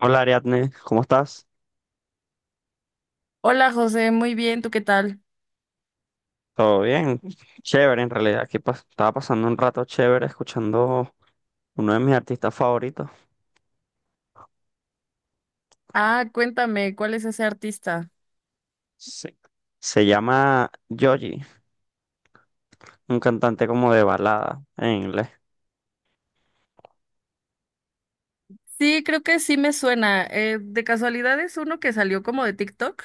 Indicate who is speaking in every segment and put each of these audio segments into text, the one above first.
Speaker 1: Hola Ariadne, ¿cómo estás?
Speaker 2: Hola José, muy bien, ¿tú qué tal?
Speaker 1: ¿Todo bien? Chévere en realidad. Aquí estaba pasando un rato chévere escuchando uno de mis artistas favoritos.
Speaker 2: Ah, cuéntame, ¿cuál es ese artista?
Speaker 1: Sí. Se llama Joji, un cantante como de balada en inglés.
Speaker 2: Sí, creo que sí me suena. ¿De casualidad es uno que salió como de TikTok?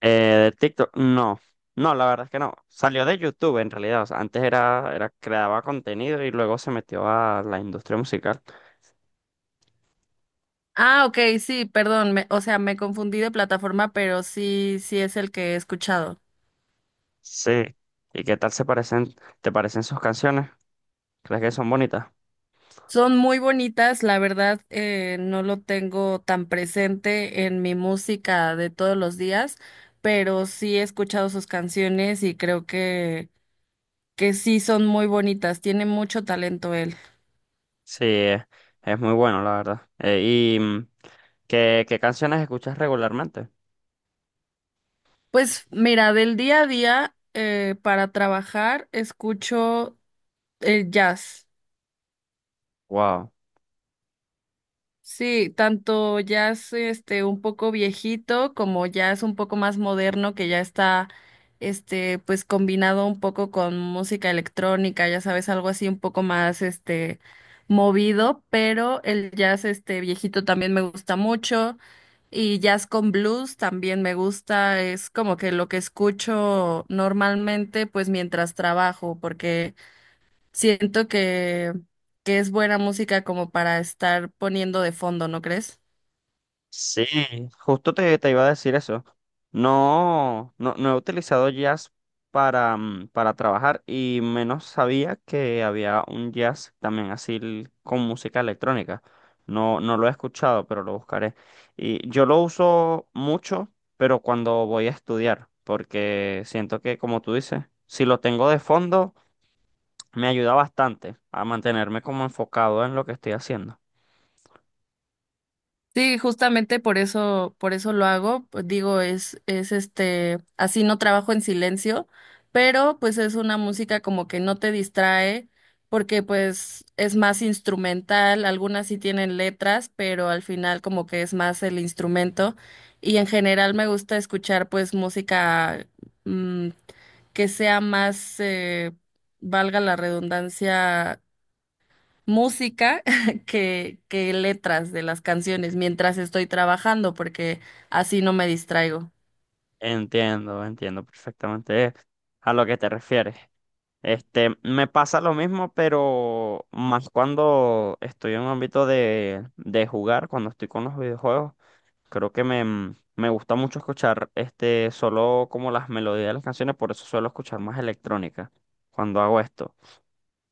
Speaker 1: ¿De TikTok? No, no, la verdad es que no. Salió de YouTube en realidad. O sea, antes era, creaba contenido y luego se metió a la industria musical.
Speaker 2: Ah, ok, sí, perdón, me confundí de plataforma, pero sí, sí es el que he escuchado.
Speaker 1: Sí. ¿Y qué tal se parecen, te parecen sus canciones? ¿Crees que son bonitas?
Speaker 2: Son muy bonitas, la verdad, no lo tengo tan presente en mi música de todos los días, pero sí he escuchado sus canciones y creo que sí son muy bonitas, tiene mucho talento él.
Speaker 1: Sí, es muy bueno, la verdad. ¿Y qué canciones escuchas regularmente?
Speaker 2: Pues mira, del día a día para trabajar escucho el jazz.
Speaker 1: Wow.
Speaker 2: Sí, tanto jazz este un poco viejito como jazz un poco más moderno que ya está este pues combinado un poco con música electrónica, ya sabes, algo así un poco más este movido, pero el jazz este viejito también me gusta mucho. Y jazz con blues también me gusta, es como que lo que escucho normalmente pues mientras trabajo, porque siento que es buena música como para estar poniendo de fondo, ¿no crees?
Speaker 1: Sí, justo te iba a decir eso. No, no, no he utilizado jazz para, para trabajar y menos sabía que había un jazz también así con música electrónica. No, no lo he escuchado, pero lo buscaré. Y yo lo uso mucho, pero cuando voy a estudiar, porque siento que, como tú dices, si lo tengo de fondo me ayuda bastante a mantenerme como enfocado en lo que estoy haciendo.
Speaker 2: Sí, justamente por eso lo hago. Pues, digo, es este, así no trabajo en silencio, pero pues es una música como que no te distrae, porque pues es más instrumental, algunas sí tienen letras, pero al final como que es más el instrumento. Y en general me gusta escuchar pues música mm, que sea más, valga la redundancia, música que letras de las canciones mientras estoy trabajando, porque así no me distraigo.
Speaker 1: Entiendo, entiendo perfectamente a lo que te refieres. Este, me pasa lo mismo, pero más cuando estoy en un ámbito de jugar, cuando estoy con los videojuegos, creo que me gusta mucho escuchar este, solo como las melodías de las canciones, por eso suelo escuchar más electrónica cuando hago esto.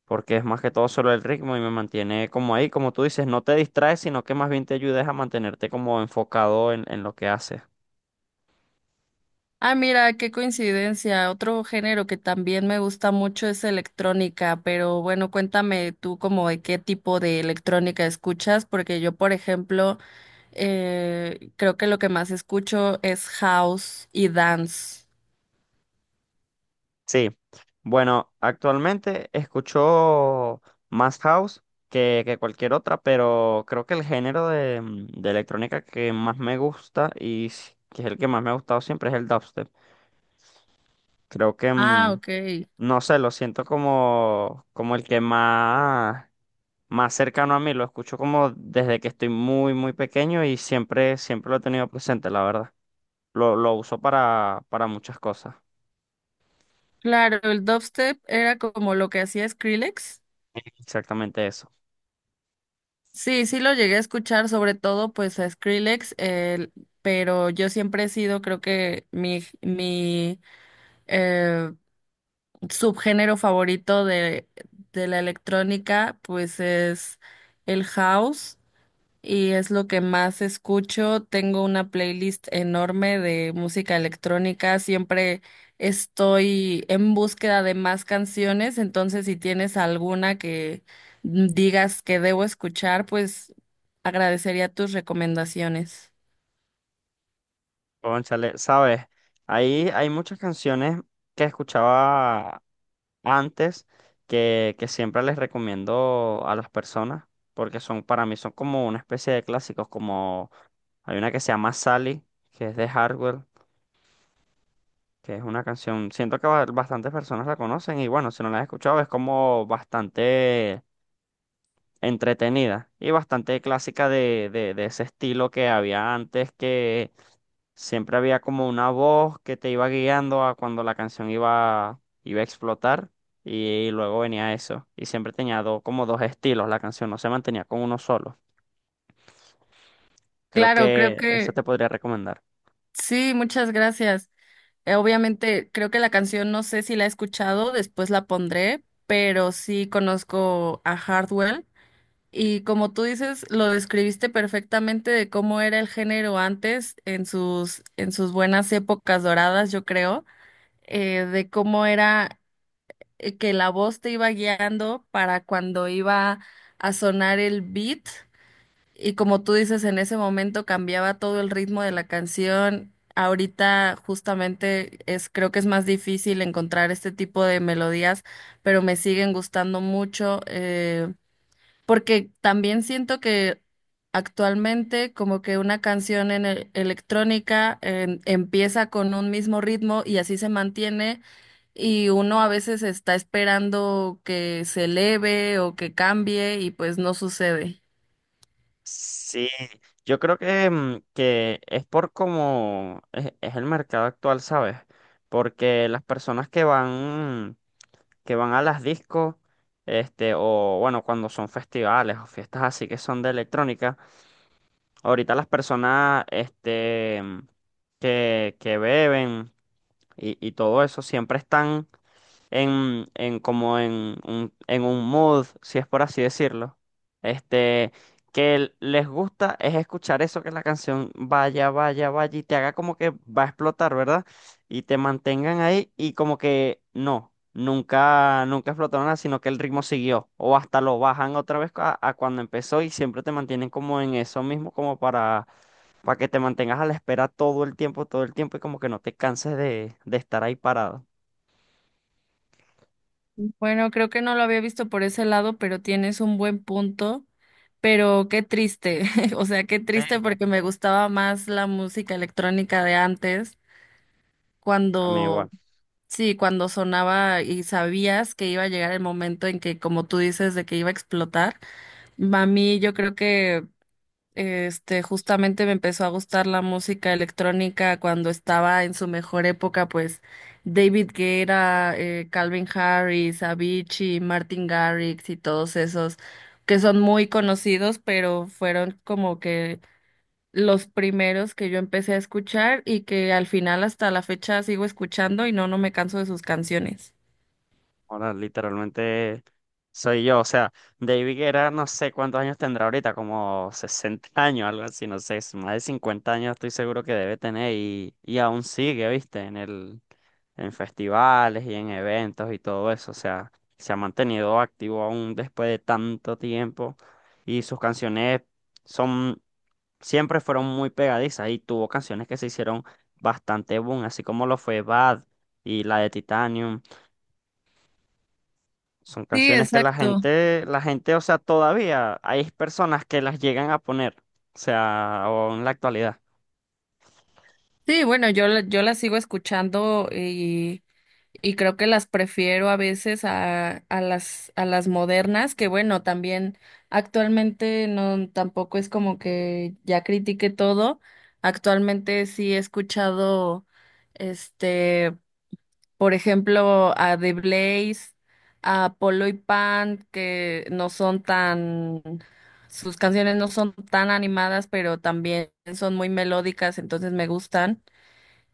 Speaker 1: Porque es más que todo solo el ritmo y me mantiene como ahí, como tú dices, no te distraes, sino que más bien te ayudes a mantenerte como enfocado en lo que haces.
Speaker 2: Ah, mira, qué coincidencia. Otro género que también me gusta mucho es electrónica, pero bueno, cuéntame tú como de qué tipo de electrónica escuchas, porque yo, por ejemplo, creo que lo que más escucho es house y dance.
Speaker 1: Sí, bueno, actualmente escucho más house que cualquier otra, pero creo que el género de electrónica que más me gusta que es el que más me ha gustado siempre es el dubstep. Creo que,
Speaker 2: Ah, ok.
Speaker 1: no sé, lo siento como, como el que más... más cercano a mí, lo escucho como desde que estoy muy, muy pequeño y siempre, siempre lo he tenido presente, la verdad. Lo uso para muchas cosas,
Speaker 2: Claro, el dubstep era como lo que hacía Skrillex.
Speaker 1: exactamente eso.
Speaker 2: Sí, sí lo llegué a escuchar, sobre todo pues a Skrillex, pero yo siempre he sido, creo que mi eh, subgénero favorito de la electrónica pues es el house y es lo que más escucho. Tengo una playlist enorme de música electrónica. Siempre estoy en búsqueda de más canciones, entonces si tienes alguna que digas que debo escuchar, pues agradecería tus recomendaciones.
Speaker 1: Cónchale, sabes, ahí hay muchas canciones que escuchaba antes que siempre les recomiendo a las personas, porque son, para mí son como una especie de clásicos, como hay una que se llama Sally, que es de Hardwell. Que es una canción, siento que bastantes personas la conocen y bueno, si no la has escuchado es como bastante entretenida y bastante clásica de ese estilo que había antes, que siempre había como una voz que te iba guiando a cuando la canción iba a explotar y luego venía eso y siempre tenía como dos estilos la canción, no se mantenía con uno solo. Creo
Speaker 2: Claro, creo
Speaker 1: que eso
Speaker 2: que
Speaker 1: te podría recomendar.
Speaker 2: sí, muchas gracias. Obviamente, creo que la canción no sé si la he escuchado, después la pondré, pero sí conozco a Hardwell. Y como tú dices, lo describiste perfectamente de cómo era el género antes, en sus buenas épocas doradas, yo creo, de cómo era que la voz te iba guiando para cuando iba a sonar el beat. Y como tú dices, en ese momento cambiaba todo el ritmo de la canción. Ahorita justamente es, creo que es más difícil encontrar este tipo de melodías, pero me siguen gustando mucho. Porque también siento que actualmente como que una canción en electrónica empieza con un mismo ritmo y así se mantiene y uno a veces está esperando que se eleve o que cambie y pues no sucede.
Speaker 1: Sí, yo creo que, que es por cómo es el mercado actual, ¿sabes? Porque las personas que van a las discos, este, o bueno, cuando son festivales o fiestas así que son de electrónica, ahorita las personas, que beben y todo eso, siempre están en como en un mood, si es por así decirlo, este, que les gusta es escuchar eso, que la canción vaya, vaya, vaya y te haga como que va a explotar, ¿verdad? Y te mantengan ahí y como que no, nunca, nunca explotó nada, sino que el ritmo siguió o hasta lo bajan otra vez a cuando empezó y siempre te mantienen como en eso mismo, como para... para que te mantengas a la espera todo el tiempo y como que no te canses de estar ahí parado.
Speaker 2: Bueno, creo que no lo había visto por ese lado, pero tienes un buen punto, pero qué triste, o sea, qué
Speaker 1: Sí.
Speaker 2: triste porque me gustaba más la música electrónica de antes
Speaker 1: A mí
Speaker 2: cuando...
Speaker 1: igual.
Speaker 2: Sí, cuando sonaba y sabías que iba a llegar el momento en que, como tú dices, de que iba a explotar. A mí yo creo que este justamente me empezó a gustar la música electrónica cuando estaba en su mejor época, pues David Guetta, Calvin Harris, Avicii, Martin Garrix y todos esos que son muy conocidos, pero fueron como que los primeros que yo empecé a escuchar y que al final hasta la fecha sigo escuchando y no, no me canso de sus canciones.
Speaker 1: Ahora literalmente soy yo. O sea, David Guerra no sé cuántos años tendrá ahorita, como 60 años, algo así, no sé, es más de 50 años estoy seguro que debe tener y aún sigue, viste, en el, en festivales y en eventos y todo eso. O sea, se ha mantenido activo aún después de tanto tiempo y sus canciones son, siempre fueron muy pegadizas y tuvo canciones que se hicieron bastante boom, así como lo fue Bad y la de Titanium. Son
Speaker 2: Sí,
Speaker 1: canciones que
Speaker 2: exacto.
Speaker 1: la gente, o sea, todavía hay personas que las llegan a poner, o sea, o en la actualidad.
Speaker 2: Sí, bueno, yo, yo las sigo escuchando y creo que las prefiero a veces a, a las modernas, que bueno, también actualmente no, tampoco es como que ya critiqué todo. Actualmente sí he escuchado este. Por ejemplo, a The Blaze, a Polo y Pan, que no son tan, sus canciones no son tan animadas, pero también son muy melódicas, entonces me gustan.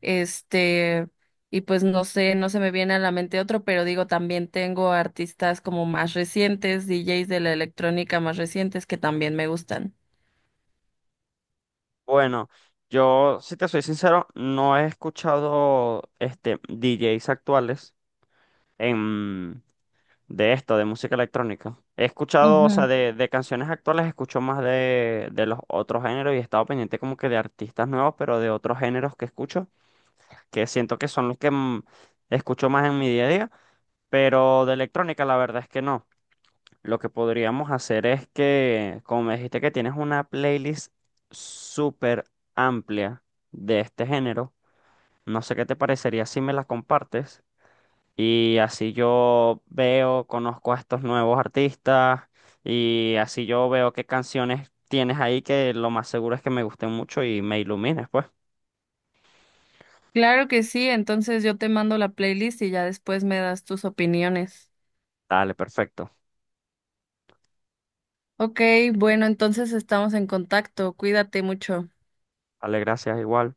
Speaker 2: Este, y pues no sé, no se me viene a la mente otro, pero digo, también tengo artistas como más recientes, DJs de la electrónica más recientes que también me gustan.
Speaker 1: Bueno, yo, si te soy sincero, no he escuchado este DJs actuales en, de esto, de música electrónica. He escuchado, o sea,
Speaker 2: Ujú.
Speaker 1: de canciones actuales, escucho más de los otros géneros y he estado pendiente como que de artistas nuevos, pero de otros géneros que escucho, que siento que son los que escucho más en mi día a día, pero de electrónica la verdad es que no. Lo que podríamos hacer es que, como me dijiste que tienes una playlist súper amplia de este género, no sé qué te parecería si me la compartes y así yo veo, conozco a estos nuevos artistas y así yo veo qué canciones tienes ahí que lo más seguro es que me gusten mucho y me ilumines, pues.
Speaker 2: Claro que sí, entonces yo te mando la playlist y ya después me das tus opiniones.
Speaker 1: Dale, perfecto.
Speaker 2: Ok, bueno, entonces estamos en contacto. Cuídate mucho.
Speaker 1: Dale, gracias igual.